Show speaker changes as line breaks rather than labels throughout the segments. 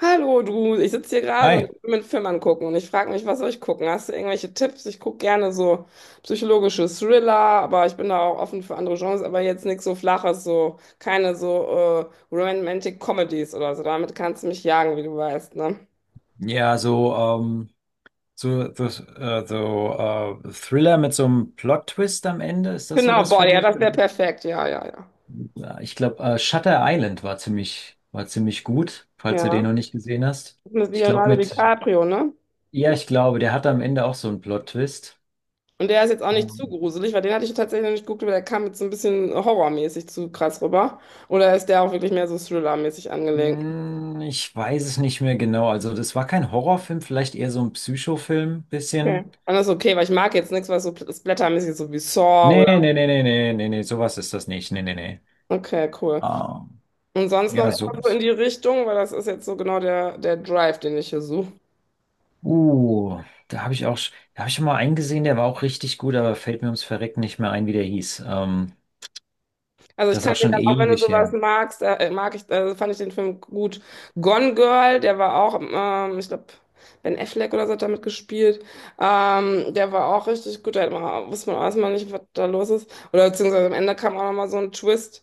Hallo du, ich sitze hier gerade und
Hi.
will mir einen Film angucken und ich frage mich, was soll ich gucken? Hast du irgendwelche Tipps? Ich gucke gerne so psychologische Thriller, aber ich bin da auch offen für andere Genres, aber jetzt nichts so Flaches, so keine so Romantic Comedies oder so. Damit kannst du mich jagen, wie du weißt, ne?
Ja, so, ähm, so, so, Thriller mit so einem Plot-Twist am Ende, ist das
Genau,
sowas
boah,
für
ja,
dich?
das
Oder?
wäre perfekt. Ja, ja, ja.
Ja, ich glaube, Shutter Island war war ziemlich gut, falls du den
Ja,
noch nicht gesehen hast.
das ist mit
Ich glaube
Leonardo
mit,
DiCaprio, ne?
ja, ich glaube, der hatte am Ende auch so einen Plot-Twist.
Und der ist jetzt auch nicht zu
Ähm,
gruselig, weil den hatte ich tatsächlich noch nicht geguckt, aber der kam jetzt so ein bisschen horrormäßig zu krass rüber. Oder ist der auch wirklich mehr so thrillermäßig angelegt?
ich weiß es nicht mehr genau. Also das war kein Horrorfilm, vielleicht eher so ein Psychofilm,
Okay.
bisschen.
Dann ist okay, weil ich mag jetzt nichts, was so splattermäßig ist, so wie Saw
Nee,
oder.
nee, nee, nee, nee, nee, nee, sowas ist das nicht. Nee, nee, nee.
Okay, cool.
Ähm,
Und sonst noch
ja,
immer so in
sowas.
die Richtung, weil das ist jetzt so genau der Drive, den ich hier suche.
Uh, da habe ich auch, da habe ich schon mal einen gesehen, der war auch richtig gut, aber fällt mir ums Verrecken nicht mehr ein, wie der hieß.
Also ich
Das ist
kann
auch
dir
schon
dann, auch wenn du
ewig
sowas
her.
magst, mag ich, fand ich den Film gut. Gone Girl, der war auch, ich glaube, Ben Affleck oder so hat damit gespielt. Der war auch richtig gut. Da hat man, wusste man auch erstmal nicht, was da los ist. Oder beziehungsweise am Ende kam auch nochmal so ein Twist.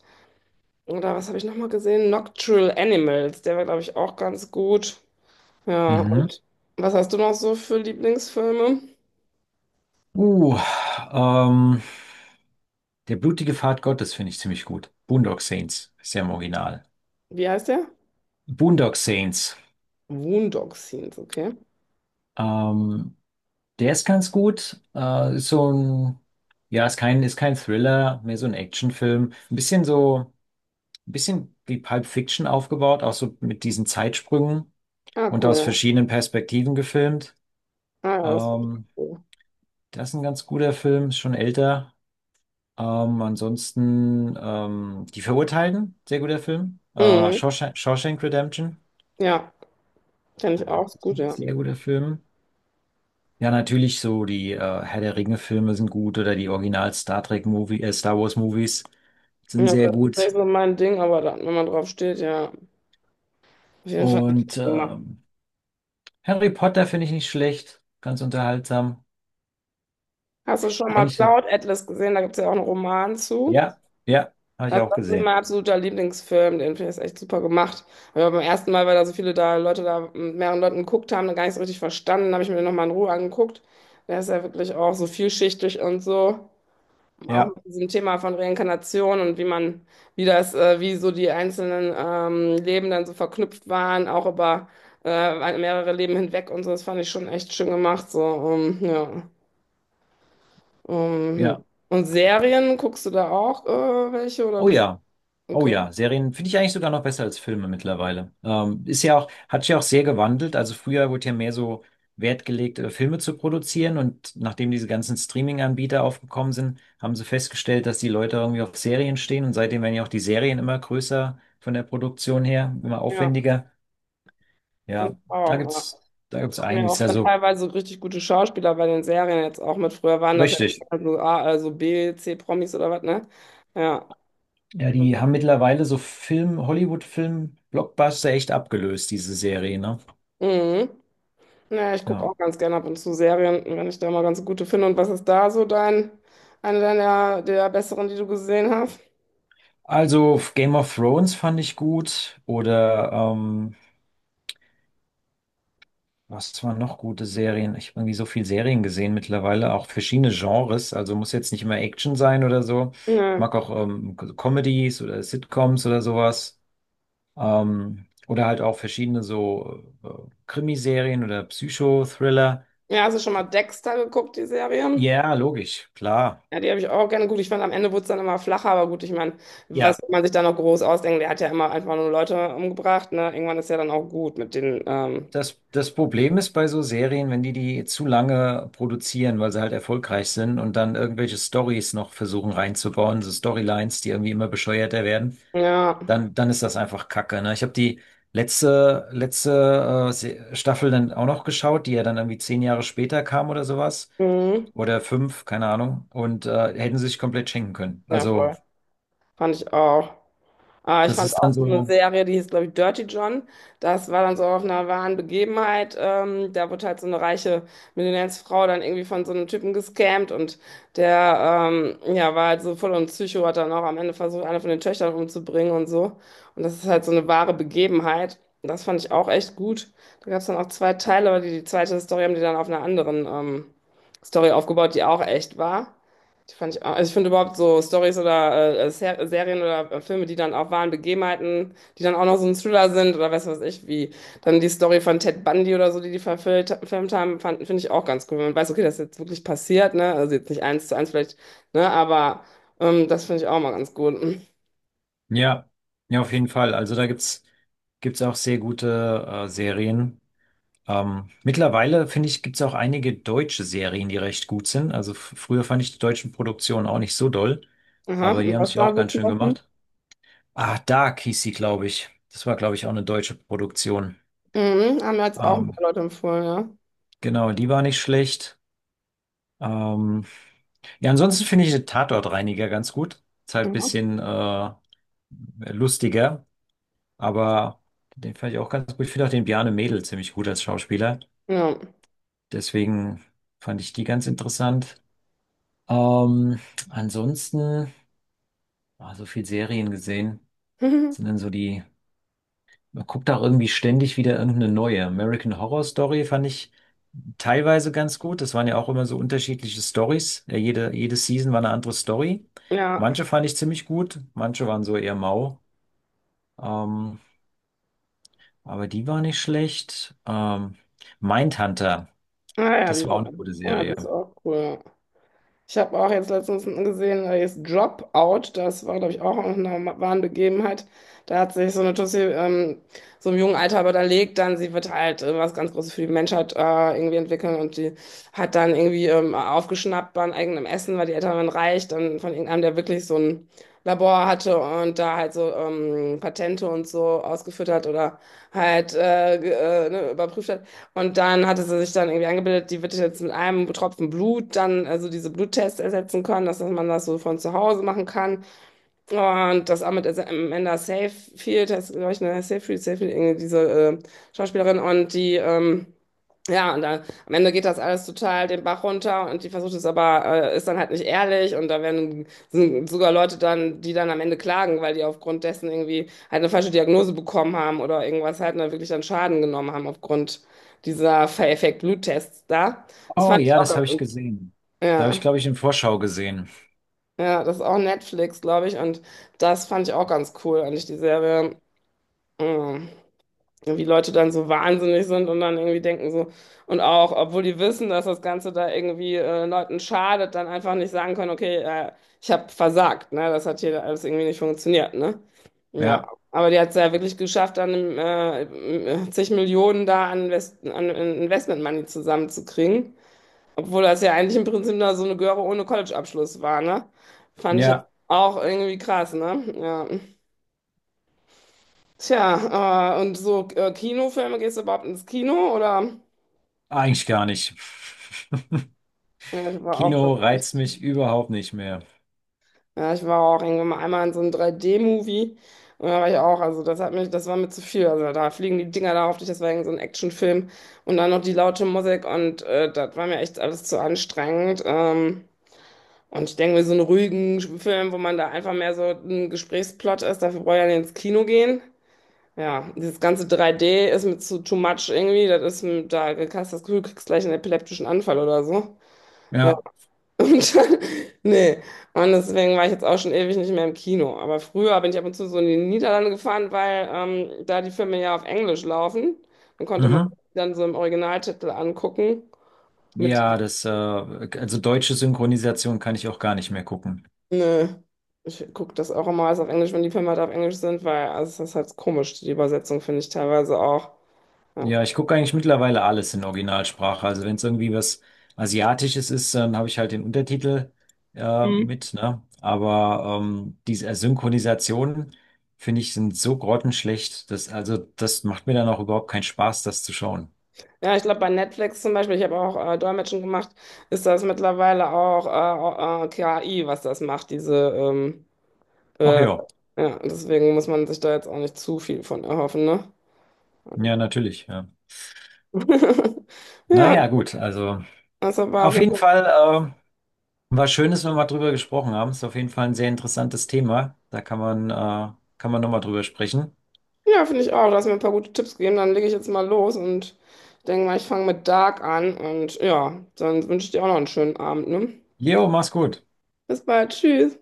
Oder was habe ich nochmal gesehen? Nocturnal Animals, der war, glaube ich, auch ganz gut. Ja,
Mhm.
und was hast du noch so für Lieblingsfilme?
Uh, ähm, Der blutige Pfad Gottes finde ich ziemlich gut. Boondock Saints ist ja im Original.
Wie heißt der?
Boondock Saints.
Boondock Saints, okay.
Ähm, der ist ganz gut. Ist so ein, ja, ist kein Thriller, mehr so ein Actionfilm. Ein bisschen so, ein bisschen wie Pulp Fiction aufgebaut, auch so mit diesen Zeitsprüngen.
Ah,
Und
cool,
aus
ja.
verschiedenen Perspektiven gefilmt.
Ah, ja, das ist
Ähm,
cool.
das ist ein ganz guter Film, ist schon älter. Ansonsten Die Verurteilten, sehr guter Film.
Mhm.
Shawshank Redemption,
Ja, kenne ich auch, ist gut, ja.
sehr guter Film. Ja, natürlich so die Herr der Ringe-Filme sind gut oder die Original Star Trek Movie, Star Wars Movies sind
Ja, aber
sehr
das ist nicht
gut.
so mein Ding, aber dann, wenn man drauf steht, ja, auf jeden Fall
Und
nicht gemacht.
Harry Potter finde ich nicht schlecht, ganz unterhaltsam.
Hast du schon mal
Eigentlich so.
Cloud Atlas gesehen? Da gibt es ja auch einen Roman zu.
Ja, ja, habe ich
Also
auch
das ist
gesehen.
mein absoluter Lieblingsfilm, den finde ich ist echt super gemacht. Aber beim ersten Mal, weil da so viele da Leute da mit mehreren Leuten geguckt haben, gar nicht so richtig verstanden, habe ich mir den nochmal in Ruhe angeguckt. Der ist ja wirklich auch so vielschichtig und so. Auch
Ja,
mit diesem Thema von Reinkarnation und wie man, wie das, wie so die einzelnen Leben dann so verknüpft waren, auch über mehrere Leben hinweg und so. Das fand ich schon echt schön gemacht. So, ja.
ja.
Und Serien, guckst du da auch welche oder
Oh
bist
ja. Oh
okay.
ja, Serien finde ich eigentlich sogar noch besser als Filme mittlerweile. Ist ja auch, hat sich ja auch sehr gewandelt. Also früher wurde ja mehr so Wert gelegt, Filme zu produzieren, und nachdem diese ganzen Streaming-Anbieter aufgekommen sind, haben sie festgestellt, dass die Leute irgendwie auf Serien stehen, und seitdem werden ja auch die Serien immer größer von der Produktion her, immer
Ja.
aufwendiger.
Finde ich
Ja, da
auch. Ja.
gibt's, da gibt's
Machen ja
einiges.
auch
Also
teilweise richtig gute Schauspieler bei den Serien jetzt auch mit. Früher waren das ja
richtig.
nur A, also B, C-Promis oder was, ne? Ja.
Ja, die haben mittlerweile so Film, Hollywood-Film, Blockbuster echt abgelöst, diese Serie, ne?
Mhm. Naja, ich gucke
Ja.
auch ganz gerne ab und zu Serien, wenn ich da mal ganz gute finde. Und was ist da so dein, eine deiner der besseren, die du gesehen hast?
Also Game of Thrones fand ich gut oder was waren noch gute Serien? Ich habe irgendwie so viel Serien gesehen mittlerweile, auch verschiedene Genres. Also muss jetzt nicht immer Action sein oder so. Ich
Ja.
mag auch Comedies oder Sitcoms oder sowas. Oder halt auch verschiedene so Krimiserien oder Psychothriller.
Ja, hast du schon mal Dexter geguckt, die Serie?
Ja, logisch, klar.
Ja, die habe ich auch gerne. Gut, ich fand, am Ende wurde es dann immer flacher, aber gut, ich meine, was
Ja.
soll man sich da noch groß ausdenken? Der hat ja immer einfach nur Leute umgebracht, ne? Irgendwann ist ja dann auch gut mit den
Das, das Problem ist bei so Serien, wenn die zu lange produzieren, weil sie halt erfolgreich sind und dann irgendwelche Stories noch versuchen reinzubauen, so Storylines, die irgendwie immer bescheuerter werden,
ja,
dann ist das einfach Kacke, ne? Ich habe die letzte Staffel dann auch noch geschaut, die ja dann irgendwie 10 Jahre später kam oder sowas.
mhm.
Oder fünf, keine Ahnung. Und hätten sie sich komplett schenken können.
Ja,
Also,
voll. Fand ich auch. Ah, ich
das
fand
ist
auch
dann
so eine
so,
Serie, die hieß, glaube ich, Dirty John. Das war dann so auf einer wahren Begebenheit. Da wurde halt so eine reiche Millionärsfrau dann irgendwie von so einem Typen gescammt und der ja, war halt so voll und Psycho, hat dann auch am Ende versucht, eine von den Töchtern umzubringen und so. Und das ist halt so eine wahre Begebenheit. Das fand ich auch echt gut. Da gab es dann auch zwei Teile, aber die zweite Story haben die dann auf einer anderen Story aufgebaut, die auch echt war. Die fand ich auch, also ich finde überhaupt so Stories oder Serien oder Filme, die dann auch wahren Begebenheiten, die dann auch noch so ein Thriller sind oder weiß was ich, wie dann die Story von Ted Bundy oder so, die verfilmt haben, finde ich auch ganz cool. Wenn man weiß, okay, das ist jetzt wirklich passiert, ne? Also jetzt nicht eins zu eins vielleicht, ne? Aber das finde ich auch mal ganz gut.
ja, ja, auf jeden Fall. Also gibt's auch sehr gute Serien. Mittlerweile, finde ich, gibt es auch einige deutsche Serien, die recht gut sind. Also früher fand ich die deutschen Produktionen auch nicht so doll,
Aha,
aber die
und
haben
was
sich
da
auch
so
ganz
zum
schön
Beispiel?
gemacht. Ah, Dark hieß sie, glaube ich. Das war, glaube ich, auch eine deutsche Produktion.
Mhm, haben mir jetzt auch ein
Ähm,
paar Leute empfohlen, ja.
genau, die war nicht schlecht. Ähm, ja, ansonsten finde ich den Tatortreiniger ganz gut. Ist halt ein
Aha.
bisschen lustiger, aber den fand ich auch ganz gut. Ich finde auch den Bjarne Mädel ziemlich gut als Schauspieler.
Ja.
Deswegen fand ich die ganz interessant. Ähm, ansonsten, so viel Serien gesehen, sind dann so die, man guckt auch irgendwie ständig wieder irgendeine neue. American Horror Story fand ich teilweise ganz gut. Das waren ja auch immer so unterschiedliche Stories. Ja, jede Season war eine andere Story.
Ja.
Manche fand ich ziemlich gut, manche waren so eher mau. Ähm, aber die war nicht schlecht. Mindhunter,
Ah ja,
das
die
war auch eine
sind,
gute
ja,
Serie.
das ist auch cool. Ich habe auch jetzt letztens gesehen, da ist Dropout, das war, glaube ich, auch aus einer wahren Begebenheit. Da hat sich so eine Tussi so im jungen Alter überlegt, dann sie wird halt was ganz Großes für die Menschheit irgendwie entwickeln und die hat dann irgendwie aufgeschnappt bei eigenem Essen, weil die Eltern waren reich, dann von irgendeinem, der wirklich so ein Labor hatte und da halt so Patente und so ausgeführt hat oder halt ne, überprüft hat. Und dann hatte sie sich dann irgendwie angebildet, die wird jetzt mit einem Tropfen Blut dann also diese Bluttests ersetzen können, dass man das so von zu Hause machen kann. Oh, und das auch mit Amanda Seyfried, das glaube ich, ne, Seyfried, Seyfried, irgendwie diese äh, Schauspielerin und die, ja, und dann am Ende geht das alles total den Bach runter und die versucht es aber, ist dann halt nicht ehrlich und da werden sind sogar Leute dann, die dann am Ende klagen, weil die aufgrund dessen irgendwie halt eine falsche Diagnose bekommen haben oder irgendwas halt und dann wirklich dann Schaden genommen haben aufgrund dieser Fake-Bluttests da. Das
Oh
fand ich
ja, das habe ich
auch,
gesehen. Da habe ich,
ja.
glaube ich, in Vorschau gesehen.
Ja, das ist auch Netflix, glaube ich. Und das fand ich auch ganz cool, eigentlich die Serie. Mm, wie Leute dann so wahnsinnig sind und dann irgendwie denken so, und auch, obwohl die wissen, dass das Ganze da irgendwie Leuten schadet, dann einfach nicht sagen können, okay, ich habe versagt, ne? Das hat hier alles irgendwie nicht funktioniert, ne? Ja,
Ja,
aber die hat es ja wirklich geschafft, dann zig Millionen da an, Invest an Investment Money zusammenzukriegen. Obwohl das ja eigentlich im Prinzip da so eine Göre ohne College-Abschluss war, ne? Fand ich jetzt ja
ja.
auch irgendwie krass, ne? Ja. Tja, und so Kinofilme, gehst du überhaupt ins Kino oder?
Eigentlich gar nicht.
Ja, ich war auch
Kino
schon
reizt
richtig.
mich überhaupt nicht mehr.
Ja, ich war auch irgendwann mal einmal in so einem 3D-Movie und da war ich auch, also das hat mich, das war mir zu viel. Also da fliegen die Dinger da auf dich, das war irgend so ein Actionfilm und dann noch die laute Musik und das war mir echt alles zu anstrengend. Und ich denke mir, so einen ruhigen Film, wo man da einfach mehr so ein Gesprächsplot ist, dafür brauche ich ja nicht ins Kino gehen. Ja, dieses ganze 3D ist mir zu too much irgendwie. Das ist, da hast du das Gefühl, du kriegst gleich einen epileptischen Anfall oder so. Ja,
Ja,
und dann, nee. Und deswegen war ich jetzt auch schon ewig nicht mehr im Kino. Aber früher bin ich ab und zu so in die Niederlande gefahren, weil da die Filme ja auf Englisch laufen. Dann konnte man
mhm.
dann so im Originaltitel angucken mit
Ja, also deutsche Synchronisation kann ich auch gar nicht mehr gucken.
nö. Ich gucke das auch immer alles auf Englisch, wenn die Filme halt auf Englisch sind, weil also es ist halt komisch, die Übersetzung finde ich teilweise auch. Ja,
Ja, ich gucke eigentlich mittlerweile alles in Originalsprache. Also wenn es irgendwie was Asiatisches ist, dann habe ich halt den Untertitel
mhm,
mit, ne? Aber diese Synchronisationen, finde ich, sind so grottenschlecht, dass, also das macht mir dann auch überhaupt keinen Spaß, das zu schauen.
ja ich glaube bei Netflix zum Beispiel, ich habe auch Dolmetschen gemacht, ist das mittlerweile auch KI, was das macht, diese
Ach
äh,
ja,
ja, deswegen muss man sich da jetzt auch nicht zu viel von erhoffen, ne?
ja, natürlich, ja.
Ja,
Naja, gut, also.
das war auf
Auf
jeden
jeden
Fall.
Fall war schön, dass wir mal drüber gesprochen haben. Ist auf jeden Fall ein sehr interessantes Thema. Da kann man nochmal drüber sprechen.
Ja, finde ich auch. Du hast mir ein paar gute Tipps gegeben. Dann lege ich jetzt mal los und denke mal, ich fange mit Dark an. Und ja, dann wünsche ich dir auch noch einen schönen Abend, ne?
Jo, mach's gut.
Bis bald. Tschüss.